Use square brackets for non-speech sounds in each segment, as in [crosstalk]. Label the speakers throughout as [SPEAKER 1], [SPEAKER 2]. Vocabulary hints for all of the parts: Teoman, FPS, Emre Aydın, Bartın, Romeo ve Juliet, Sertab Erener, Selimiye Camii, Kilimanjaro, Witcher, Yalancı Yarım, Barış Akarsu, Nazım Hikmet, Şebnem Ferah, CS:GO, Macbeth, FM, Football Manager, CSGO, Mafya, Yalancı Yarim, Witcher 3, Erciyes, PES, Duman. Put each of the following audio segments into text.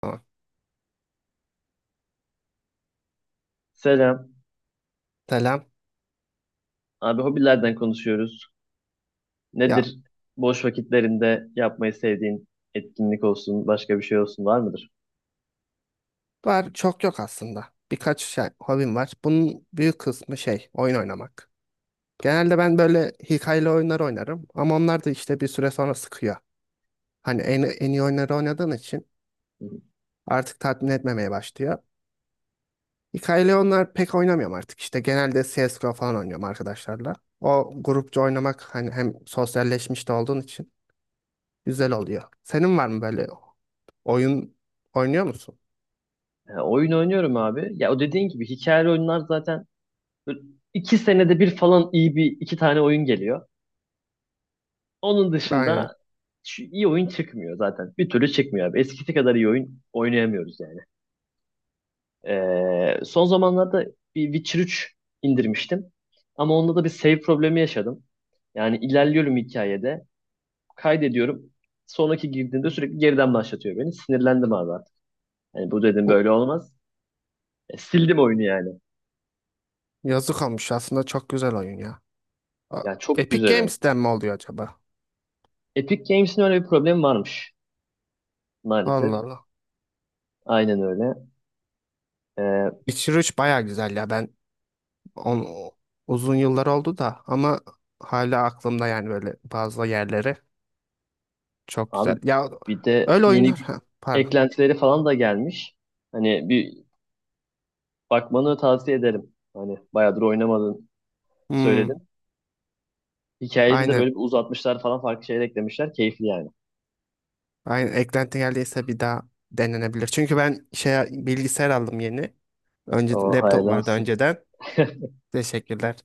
[SPEAKER 1] Tamam.
[SPEAKER 2] Selam.
[SPEAKER 1] Selam.
[SPEAKER 2] Abi hobilerden konuşuyoruz.
[SPEAKER 1] Ya
[SPEAKER 2] Nedir boş vakitlerinde yapmayı sevdiğin etkinlik olsun, başka bir şey olsun var mıdır?
[SPEAKER 1] var çok yok aslında. Birkaç şey, hobim var. Bunun büyük kısmı şey oyun oynamak. Genelde ben böyle hikayeli oyunlar oynarım ama onlar da işte bir süre sonra sıkıyor. Hani en iyi oyunları oynadığın için
[SPEAKER 2] Hı hı.
[SPEAKER 1] artık tatmin etmemeye başlıyor. Hikayeli oyunlar pek oynamıyorum artık. İşte genelde CSGO falan oynuyorum arkadaşlarla. O grupça oynamak hani hem sosyalleşmiş de olduğun için güzel oluyor. Senin var mı böyle oyun oynuyor musun?
[SPEAKER 2] Ya, oyun oynuyorum abi. Ya o dediğin gibi hikayeli oyunlar zaten böyle iki senede bir falan iyi bir iki tane oyun geliyor. Onun
[SPEAKER 1] Aynen.
[SPEAKER 2] dışında şu iyi oyun çıkmıyor zaten. Bir türlü çıkmıyor abi. Eskisi kadar iyi oyun oynayamıyoruz yani. Son zamanlarda bir Witcher 3 indirmiştim. Ama onda da bir save problemi yaşadım. Yani ilerliyorum hikayede. Kaydediyorum. Sonraki girdiğinde sürekli geriden başlatıyor beni. Sinirlendim abi artık. Hani bu dedim böyle olmaz. Sildim oyunu yani.
[SPEAKER 1] Yazık olmuş aslında çok güzel oyun ya. A-
[SPEAKER 2] Ya çok
[SPEAKER 1] Epic
[SPEAKER 2] güzel oyun.
[SPEAKER 1] Games'ten mi oluyor acaba?
[SPEAKER 2] Epic Games'in öyle bir problemi varmış maalesef.
[SPEAKER 1] Allah Allah.
[SPEAKER 2] Aynen öyle. E,
[SPEAKER 1] Witcher 3 baya güzel ya ben on, uzun yıllar oldu da ama hala aklımda yani böyle bazı yerleri çok
[SPEAKER 2] abi
[SPEAKER 1] güzel. Ya
[SPEAKER 2] bir de
[SPEAKER 1] öyle
[SPEAKER 2] yeni
[SPEAKER 1] oyunlar ha, pardon.
[SPEAKER 2] eklentileri falan da gelmiş. Hani bir bakmanı tavsiye ederim. Hani bayağıdır oynamadın
[SPEAKER 1] Hmm,
[SPEAKER 2] söyledin. Hikayede de
[SPEAKER 1] aynen.
[SPEAKER 2] böyle bir uzatmışlar falan farklı şeyler eklemişler. Keyifli yani.
[SPEAKER 1] Aynen eklenti geldiyse bir daha denenebilir. Çünkü ben şey bilgisayar aldım yeni. Önce
[SPEAKER 2] O
[SPEAKER 1] laptop
[SPEAKER 2] hayırlı
[SPEAKER 1] vardı
[SPEAKER 2] olsun.
[SPEAKER 1] önceden. Teşekkürler.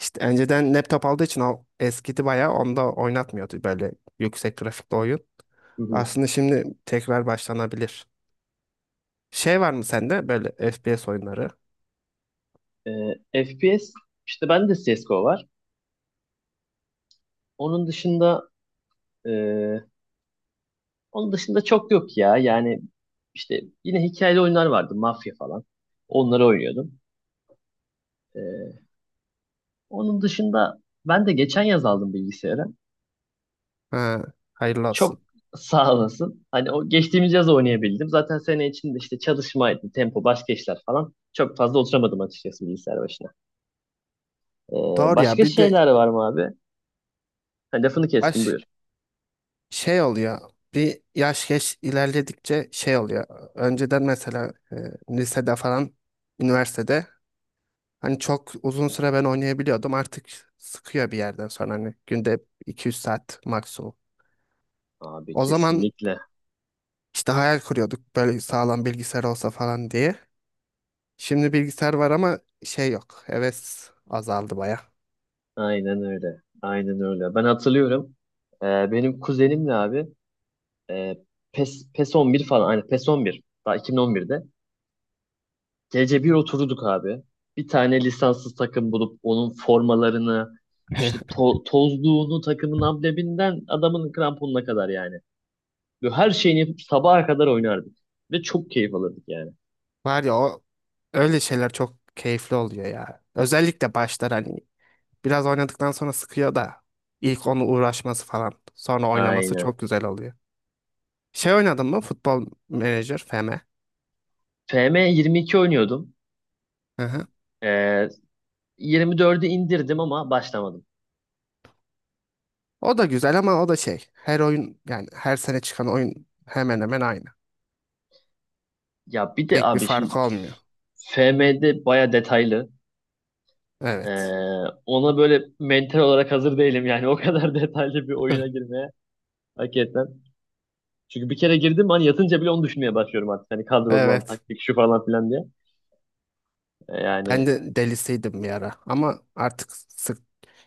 [SPEAKER 1] İşte önceden laptop olduğu için o eskidi bayağı onda oynatmıyordu böyle yüksek grafikli oyun.
[SPEAKER 2] Hı hı.
[SPEAKER 1] Aslında şimdi tekrar başlanabilir. Şey var mı sende böyle FPS oyunları?
[SPEAKER 2] FPS işte ben de CSGO var. Onun dışında e, onun dışında çok yok ya. Yani işte yine hikayeli oyunlar vardı. Mafya falan. Onları oynuyordum. E, onun dışında ben de geçen yaz aldım bilgisayarı.
[SPEAKER 1] Ha, hayırlı
[SPEAKER 2] Çok
[SPEAKER 1] olsun.
[SPEAKER 2] [laughs] sağ olasın. Hani o geçtiğimiz yaz oynayabildim. Zaten sene içinde işte çalışmaydı, tempo, başka işler falan. Çok fazla oturamadım açıkçası bilgisayar başına. E,
[SPEAKER 1] Doğru ya
[SPEAKER 2] başka
[SPEAKER 1] bir
[SPEAKER 2] şeyler
[SPEAKER 1] de
[SPEAKER 2] var mı abi? Ha, lafını kestim
[SPEAKER 1] baş,
[SPEAKER 2] buyur.
[SPEAKER 1] şey oluyor. Bir yaş geç ilerledikçe şey oluyor. Önceden mesela lisede falan, üniversitede hani çok uzun süre ben oynayabiliyordum. Artık sıkıyor bir yerden sonra hani günde 200 saat maksimum.
[SPEAKER 2] Abi
[SPEAKER 1] O zaman
[SPEAKER 2] kesinlikle.
[SPEAKER 1] işte hayal kuruyorduk böyle sağlam bilgisayar olsa falan diye. Şimdi bilgisayar var ama şey yok. Heves azaldı baya.
[SPEAKER 2] Aynen öyle. Aynen öyle. Ben hatırlıyorum. Ee, benim kuzenimle abi, E, PES, PES 11 falan. Aynen PES 11. Daha 2011'de. Gece bir oturduk abi. Bir tane lisanssız takım bulup onun formalarını işte
[SPEAKER 1] [laughs]
[SPEAKER 2] tozluğunu takımın ambleminden adamın kramponuna kadar yani. Ve her şeyini yapıp sabaha kadar oynardık. Ve çok keyif alırdık yani.
[SPEAKER 1] Var ya o öyle şeyler çok keyifli oluyor ya. Özellikle başlar hani biraz oynadıktan sonra sıkıyor da ilk onu uğraşması falan sonra oynaması
[SPEAKER 2] Aynen.
[SPEAKER 1] çok güzel oluyor. Şey oynadın mı? Futbol Manager FM.
[SPEAKER 2] FM 22 oynuyordum.
[SPEAKER 1] Hı hı.
[SPEAKER 2] Ee, 24'ü indirdim ama başlamadım.
[SPEAKER 1] O da güzel ama o da şey her oyun yani her sene çıkan oyun hemen hemen aynı.
[SPEAKER 2] Ya bir de
[SPEAKER 1] Pek bir
[SPEAKER 2] abi şimdi
[SPEAKER 1] fark olmuyor.
[SPEAKER 2] FM'de baya detaylı. Ee,
[SPEAKER 1] Evet.
[SPEAKER 2] ona böyle mental olarak hazır değilim yani o kadar [laughs] detaylı bir
[SPEAKER 1] Hı.
[SPEAKER 2] oyuna girmeye hakikaten. Çünkü bir kere girdim hani yatınca bile onu düşünmeye başlıyorum artık. Hani
[SPEAKER 1] [laughs]
[SPEAKER 2] kadrolan
[SPEAKER 1] Evet.
[SPEAKER 2] taktik şu falan filan diye. Ee,
[SPEAKER 1] Ben
[SPEAKER 2] yani
[SPEAKER 1] de delisiydim bir ara ama artık sık.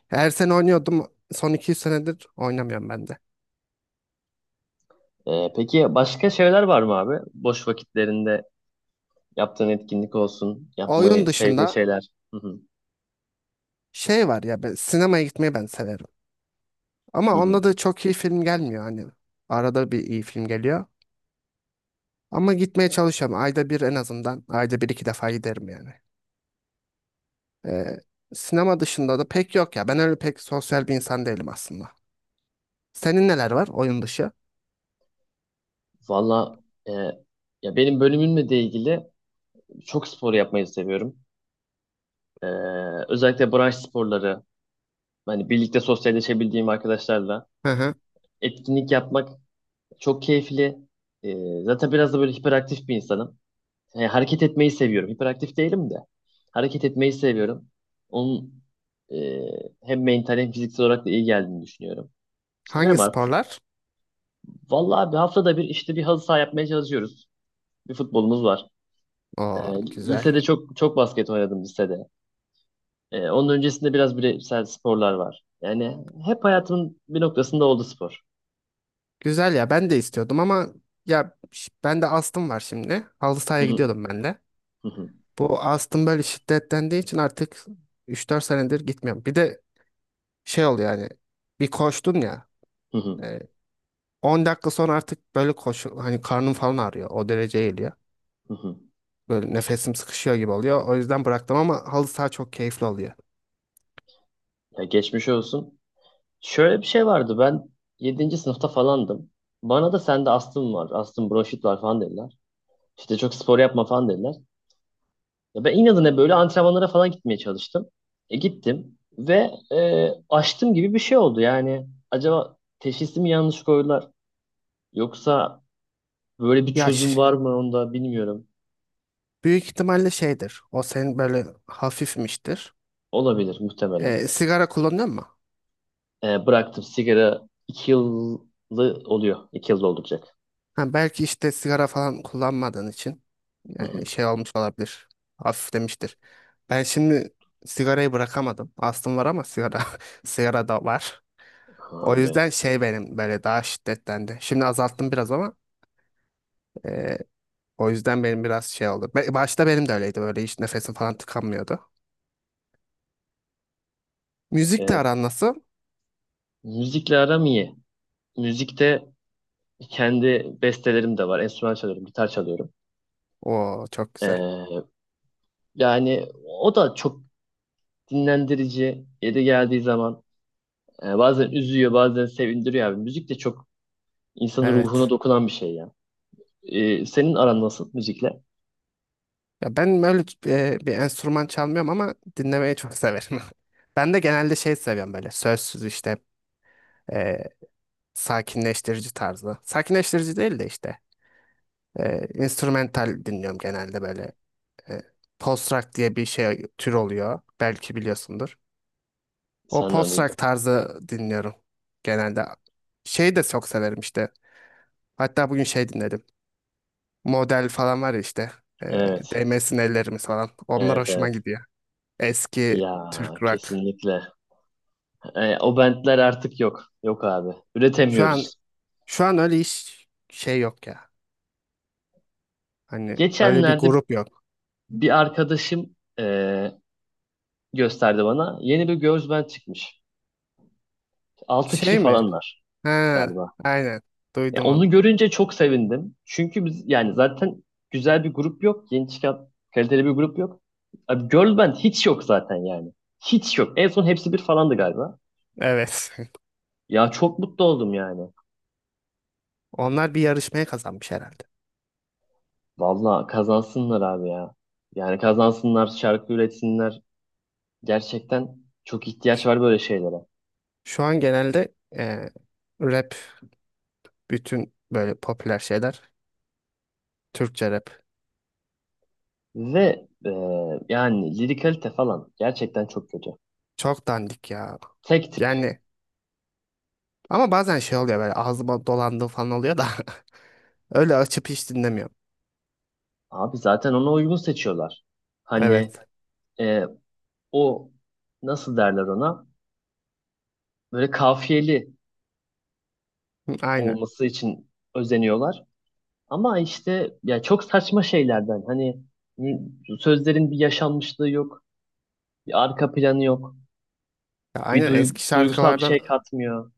[SPEAKER 1] Her sene oynuyordum. Son iki üç senedir oynamıyorum ben de.
[SPEAKER 2] peki başka şeyler var mı abi? Boş vakitlerinde yaptığın etkinlik olsun,
[SPEAKER 1] Oyun
[SPEAKER 2] yapmayı sevdiğin
[SPEAKER 1] dışında
[SPEAKER 2] şeyler. Hı hı,
[SPEAKER 1] şey var ya ben sinemaya gitmeyi ben severim. Ama
[SPEAKER 2] hı hı.
[SPEAKER 1] onda da çok iyi film gelmiyor hani. Arada bir iyi film geliyor. Ama gitmeye çalışıyorum. Ayda bir en azından. Ayda bir iki defa giderim yani. Ee, sinema dışında da pek yok ya. Ben öyle pek sosyal bir insan değilim aslında. Senin neler var oyun dışı?
[SPEAKER 2] Valla e, ya benim bölümümle de ilgili çok spor yapmayı seviyorum. Ee, özellikle branş sporları, hani birlikte sosyalleşebildiğim arkadaşlarla
[SPEAKER 1] Hı hı.
[SPEAKER 2] etkinlik yapmak çok keyifli. Zaten biraz da böyle hiperaktif bir insanım. Yani hareket etmeyi seviyorum. Hiperaktif değilim de. Hareket etmeyi seviyorum. Onun e, hem mental hem fiziksel olarak da iyi geldiğini düşünüyorum. İşte ne
[SPEAKER 1] Hangi
[SPEAKER 2] var?
[SPEAKER 1] sporlar?
[SPEAKER 2] Vallahi bir haftada bir işte bir halı saha yapmaya çalışıyoruz. Bir futbolumuz var. Ee,
[SPEAKER 1] Oo, güzel.
[SPEAKER 2] lisede çok çok basket oynadım lisede. Onun öncesinde biraz bireysel sporlar var. Yani hep hayatımın bir noktasında oldu spor.
[SPEAKER 1] Güzel ya ben de istiyordum ama ya ben de astım var şimdi. Halı
[SPEAKER 2] Hı
[SPEAKER 1] sahaya
[SPEAKER 2] hı,
[SPEAKER 1] gidiyordum ben de.
[SPEAKER 2] hı hı,
[SPEAKER 1] Bu astım böyle şiddetlendiği için artık üç dört senedir gitmiyorum. Bir de şey oluyor yani bir koştun ya
[SPEAKER 2] hı hı,
[SPEAKER 1] e, 10 dakika sonra artık böyle koşu hani karnım falan ağrıyor. O derece geliyor.
[SPEAKER 2] hı hı.
[SPEAKER 1] Böyle nefesim sıkışıyor gibi oluyor. O yüzden bıraktım ama halı saha çok keyifli oluyor.
[SPEAKER 2] Ya geçmiş olsun. Şöyle bir şey vardı. Ben yedinci sınıfta falandım. Bana da sende astım var, astım bronşit var falan dediler. İşte çok spor yapma falan dediler. Ya ben inadına böyle antrenmanlara falan gitmeye çalıştım. Gittim ve açtım gibi bir şey oldu. Yani acaba teşhisi mi yanlış koydular yoksa böyle bir çözüm
[SPEAKER 1] Yaş
[SPEAKER 2] var mı onda bilmiyorum.
[SPEAKER 1] büyük ihtimalle şeydir. O senin böyle hafifmiştir.
[SPEAKER 2] Olabilir muhtemelen.
[SPEAKER 1] Sigara kullanıyor.
[SPEAKER 2] Bıraktım sigara 2 yıllı oluyor. İki yılda olacak.
[SPEAKER 1] Ha, belki işte sigara falan kullanmadığın için
[SPEAKER 2] Hı
[SPEAKER 1] yani
[SPEAKER 2] hı.
[SPEAKER 1] şey olmuş olabilir. Hafiflemiştir. Ben şimdi sigarayı bırakamadım. Astım var ama sigara [laughs] sigara da var. O
[SPEAKER 2] Abi.
[SPEAKER 1] yüzden şey benim böyle daha şiddetlendi. Şimdi azalttım biraz ama e, o yüzden benim biraz şey oldu. Başta benim de öyleydi böyle hiç nefesim falan tıkanmıyordu. Müzikle
[SPEAKER 2] E,
[SPEAKER 1] aran nasıl?
[SPEAKER 2] müzikle aram iyi. Müzikte kendi bestelerim de var. Enstrüman çalıyorum, gitar çalıyorum.
[SPEAKER 1] Oo çok güzel.
[SPEAKER 2] Ee, yani o da çok dinlendirici. Yeri geldiği zaman bazen üzüyor, bazen sevindiriyor abi. Müzik de çok insanın ruhuna
[SPEAKER 1] Evet.
[SPEAKER 2] dokunan bir şey ya. Senin aran nasıl müzikle?
[SPEAKER 1] Ya ben böyle bir enstrüman çalmıyorum ama dinlemeyi çok severim. [laughs] Ben de genelde şey seviyorum böyle sözsüz işte e, sakinleştirici tarzı. Sakinleştirici değil de işte instrumental dinliyorum genelde böyle. E, post rock diye bir şey tür oluyor. Belki biliyorsundur. O
[SPEAKER 2] Senden
[SPEAKER 1] post rock
[SPEAKER 2] duydum.
[SPEAKER 1] tarzı dinliyorum genelde. Şeyi de çok severim işte. Hatta bugün şey dinledim. Model falan var ya işte. E,
[SPEAKER 2] Evet,
[SPEAKER 1] değmesin ellerimiz falan. Onlar
[SPEAKER 2] evet,
[SPEAKER 1] hoşuma
[SPEAKER 2] evet.
[SPEAKER 1] gidiyor. Eski
[SPEAKER 2] Ya
[SPEAKER 1] Türk rock.
[SPEAKER 2] kesinlikle. O bentler artık yok. Yok abi.
[SPEAKER 1] Şu an
[SPEAKER 2] Üretemiyoruz.
[SPEAKER 1] şu an öyle iş şey yok ya. Hani öyle bir
[SPEAKER 2] Geçenlerde
[SPEAKER 1] grup yok.
[SPEAKER 2] bir arkadaşım gösterdi bana. Yeni bir girls band çıkmış. 6 kişi
[SPEAKER 1] Şey mi?
[SPEAKER 2] falanlar,
[SPEAKER 1] Ha,
[SPEAKER 2] galiba.
[SPEAKER 1] aynen.
[SPEAKER 2] Ya
[SPEAKER 1] Duydum
[SPEAKER 2] onu
[SPEAKER 1] onu.
[SPEAKER 2] görünce çok sevindim. Çünkü biz yani zaten güzel bir grup yok. Yeni çıkan kaliteli bir grup yok. Abi girl band hiç yok zaten yani. Hiç yok. En son hepsi bir falandı galiba.
[SPEAKER 1] Evet.
[SPEAKER 2] Ya çok mutlu oldum yani.
[SPEAKER 1] [laughs] Onlar bir yarışmaya kazanmış herhalde.
[SPEAKER 2] Valla kazansınlar abi ya. Yani kazansınlar, şarkı üretsinler. Gerçekten çok ihtiyaç var böyle şeylere.
[SPEAKER 1] Şu an genelde rap bütün böyle popüler şeyler Türkçe rap.
[SPEAKER 2] Ve yani lirikalite falan gerçekten çok kötü.
[SPEAKER 1] Çok dandik ya.
[SPEAKER 2] Tek tip.
[SPEAKER 1] Yani ama bazen şey oluyor böyle ağzıma dolandığı falan oluyor da [laughs] öyle açıp hiç dinlemiyorum.
[SPEAKER 2] Abi zaten ona uygun seçiyorlar. Hani
[SPEAKER 1] Evet.
[SPEAKER 2] e, o nasıl derler ona böyle kafiyeli
[SPEAKER 1] Hı, aynen.
[SPEAKER 2] olması için özeniyorlar. Ama işte ya çok saçma şeylerden hani m- sözlerin bir yaşanmışlığı yok, bir arka planı yok,
[SPEAKER 1] Ya
[SPEAKER 2] bir
[SPEAKER 1] aynen
[SPEAKER 2] duygusal bir şey katmıyor.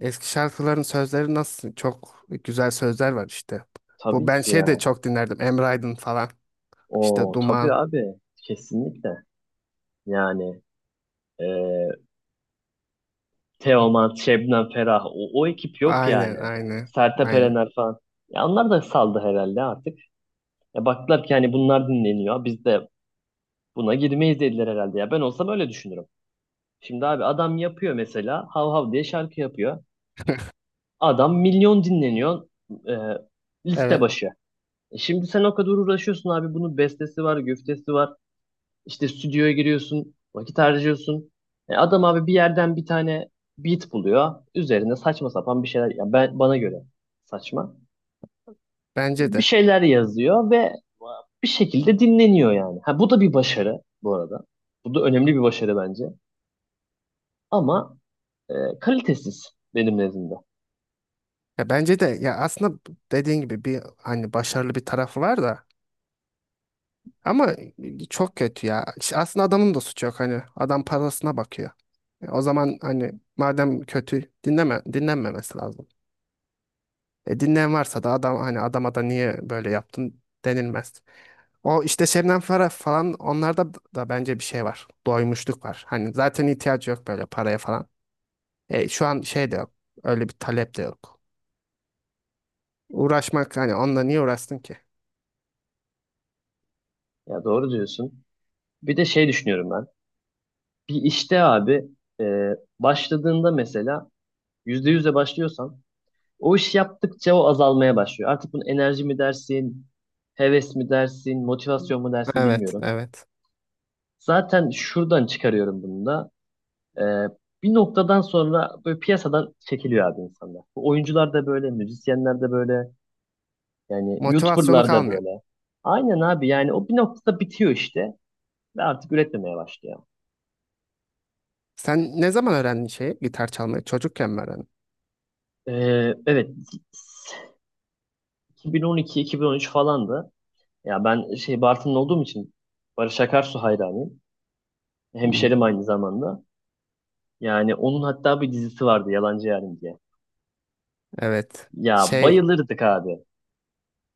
[SPEAKER 1] eski şarkıların sözleri nasıl çok güzel sözler var işte. Bu
[SPEAKER 2] Tabii
[SPEAKER 1] ben
[SPEAKER 2] ki
[SPEAKER 1] şey de
[SPEAKER 2] ya.
[SPEAKER 1] çok dinlerdim. Emre Aydın falan. İşte
[SPEAKER 2] O tabii
[SPEAKER 1] Duman.
[SPEAKER 2] abi kesinlikle. Yani e, Teoman, Şebnem Ferah o ekip yok yani.
[SPEAKER 1] Aynen aynen.
[SPEAKER 2] Sertab
[SPEAKER 1] Aynen.
[SPEAKER 2] Erener falan. Ya onlar da saldı herhalde artık. Ya baktılar ki hani bunlar dinleniyor. Biz de buna girmeyiz dediler herhalde ya. Ben olsam öyle düşünürüm. Şimdi abi adam yapıyor mesela. Hav hav diye şarkı yapıyor. Adam milyon dinleniyor, e, liste
[SPEAKER 1] Evet.
[SPEAKER 2] başı. Şimdi sen o kadar uğraşıyorsun abi. Bunun bestesi var, güftesi var. İşte stüdyoya giriyorsun. Vakit harcıyorsun. Adam abi bir yerden bir tane beat buluyor. Üzerine saçma sapan bir şeyler. Ya ben bana göre saçma.
[SPEAKER 1] Bence
[SPEAKER 2] Bir
[SPEAKER 1] de.
[SPEAKER 2] şeyler yazıyor ve bir şekilde dinleniyor yani. Ha, bu da bir başarı bu arada. Bu da önemli bir başarı bence. Ama e, kalitesiz benim nezdimde.
[SPEAKER 1] Ya bence de ya aslında dediğin gibi bir hani başarılı bir tarafı var da ama çok kötü ya. İşte aslında adamın da suçu yok hani adam parasına bakıyor. O zaman hani madem kötü dinlenmemesi lazım. Dinleyen varsa da adam hani adama da niye böyle yaptın denilmez. O işte Şebnem Ferah falan onlarda da bence bir şey var. Doymuşluk var. Hani zaten ihtiyacı yok böyle paraya falan. Şu an şey de yok. Öyle bir talep de yok. Uğraşmak hani onunla niye uğraştın ki?
[SPEAKER 2] Ya doğru diyorsun. Bir de şey düşünüyorum ben. Bir işte abi e, başladığında mesela %100'le başlıyorsan o iş yaptıkça o azalmaya başlıyor. Artık bunu enerji mi dersin, heves mi dersin, motivasyon mu dersin
[SPEAKER 1] Evet,
[SPEAKER 2] bilmiyorum.
[SPEAKER 1] evet.
[SPEAKER 2] Zaten şuradan çıkarıyorum bunu da. E, bir noktadan sonra böyle piyasadan çekiliyor abi insanlar. Bu oyuncular da böyle, müzisyenler de böyle, yani
[SPEAKER 1] Motivasyonu
[SPEAKER 2] YouTuber'lar da
[SPEAKER 1] kalmıyor.
[SPEAKER 2] böyle. Aynen abi yani o bir noktada bitiyor işte. Ve artık üretmemeye başlıyor.
[SPEAKER 1] Sen ne zaman öğrendin şeyi? Gitar çalmayı çocukken mi öğrendin?
[SPEAKER 2] Evet 2012-2013 falandı. Ya ben şey Bartın'da olduğum için Barış Akarsu hayranıyım.
[SPEAKER 1] Hı.
[SPEAKER 2] Hemşerim aynı zamanda. Yani onun hatta bir dizisi vardı Yalancı Yarim diye.
[SPEAKER 1] Evet.
[SPEAKER 2] Ya
[SPEAKER 1] Şey
[SPEAKER 2] bayılırdık abi.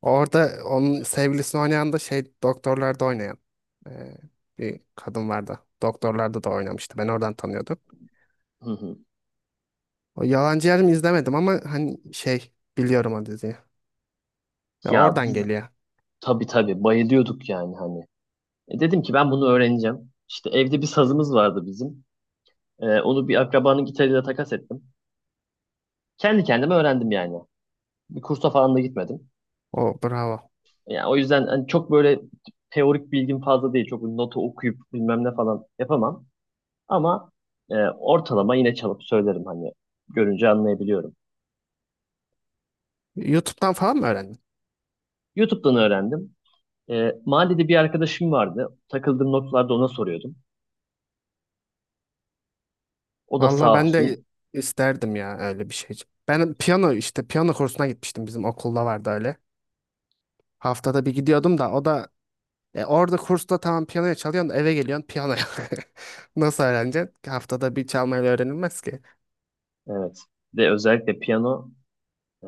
[SPEAKER 1] orada onun sevgilisini oynayan da şey doktorlarda oynayan e, bir kadın vardı. Doktorlarda da oynamıştı. Ben oradan tanıyordum.
[SPEAKER 2] Hı hı.
[SPEAKER 1] O Yalancı Yarım izlemedim ama hani şey biliyorum o diziyi. E,
[SPEAKER 2] Ya
[SPEAKER 1] oradan
[SPEAKER 2] biz
[SPEAKER 1] geliyor.
[SPEAKER 2] tabii tabii bayılıyorduk yani hani. Dedim ki ben bunu öğreneceğim. İşte evde bir sazımız vardı bizim. Onu bir akrabanın gitarıyla takas ettim. Kendi kendime öğrendim yani. Bir kursa falan da gitmedim.
[SPEAKER 1] O bravo.
[SPEAKER 2] Yani o yüzden hani çok böyle teorik bilgim fazla değil. Çok notu okuyup bilmem ne falan yapamam. Ama ortalama yine çalıp söylerim hani görünce anlayabiliyorum.
[SPEAKER 1] YouTube'dan falan mı öğrendin?
[SPEAKER 2] YouTube'dan öğrendim. Mahallede bir arkadaşım vardı. Takıldığım noktalarda ona soruyordum. O da
[SPEAKER 1] Valla
[SPEAKER 2] sağ
[SPEAKER 1] ben de
[SPEAKER 2] olsun.
[SPEAKER 1] isterdim ya öyle bir şey. Ben piyano işte piyano kursuna gitmiştim bizim okulda vardı öyle. Haftada bir gidiyordum da o da orada kursta tamam piyanoya çalıyorsun da eve geliyorsun piyanoya. [laughs] Nasıl öğreneceksin? Haftada bir çalmayla öğrenilmez ki.
[SPEAKER 2] Evet. Ve özellikle piyano e,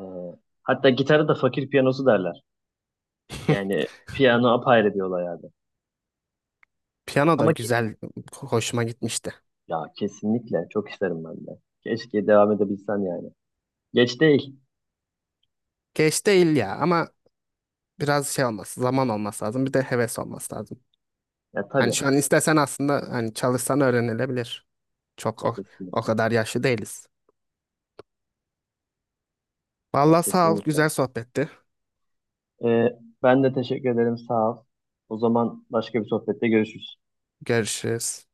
[SPEAKER 2] hatta gitara da fakir piyanosu derler.
[SPEAKER 1] [laughs]
[SPEAKER 2] Yani piyano apayrı bir olay abi.
[SPEAKER 1] Piyano da
[SPEAKER 2] Ama ki,
[SPEAKER 1] güzel, hoşuma gitmişti.
[SPEAKER 2] ya kesinlikle çok isterim ben de. Keşke devam edebilsen yani. Geç değil.
[SPEAKER 1] Geç değil ya ama biraz şey olması, zaman olması lazım. Bir de heves olması lazım.
[SPEAKER 2] Ya
[SPEAKER 1] Hani
[SPEAKER 2] tabii.
[SPEAKER 1] şu an istesen aslında hani çalışsan öğrenilebilir. Çok o
[SPEAKER 2] Kesinlikle.
[SPEAKER 1] kadar yaşlı değiliz.
[SPEAKER 2] Ya
[SPEAKER 1] Vallahi sağ ol,
[SPEAKER 2] kesinlikle.
[SPEAKER 1] güzel sohbetti.
[SPEAKER 2] Ben de teşekkür ederim. Sağ ol. O zaman başka bir sohbette görüşürüz.
[SPEAKER 1] Görüşürüz.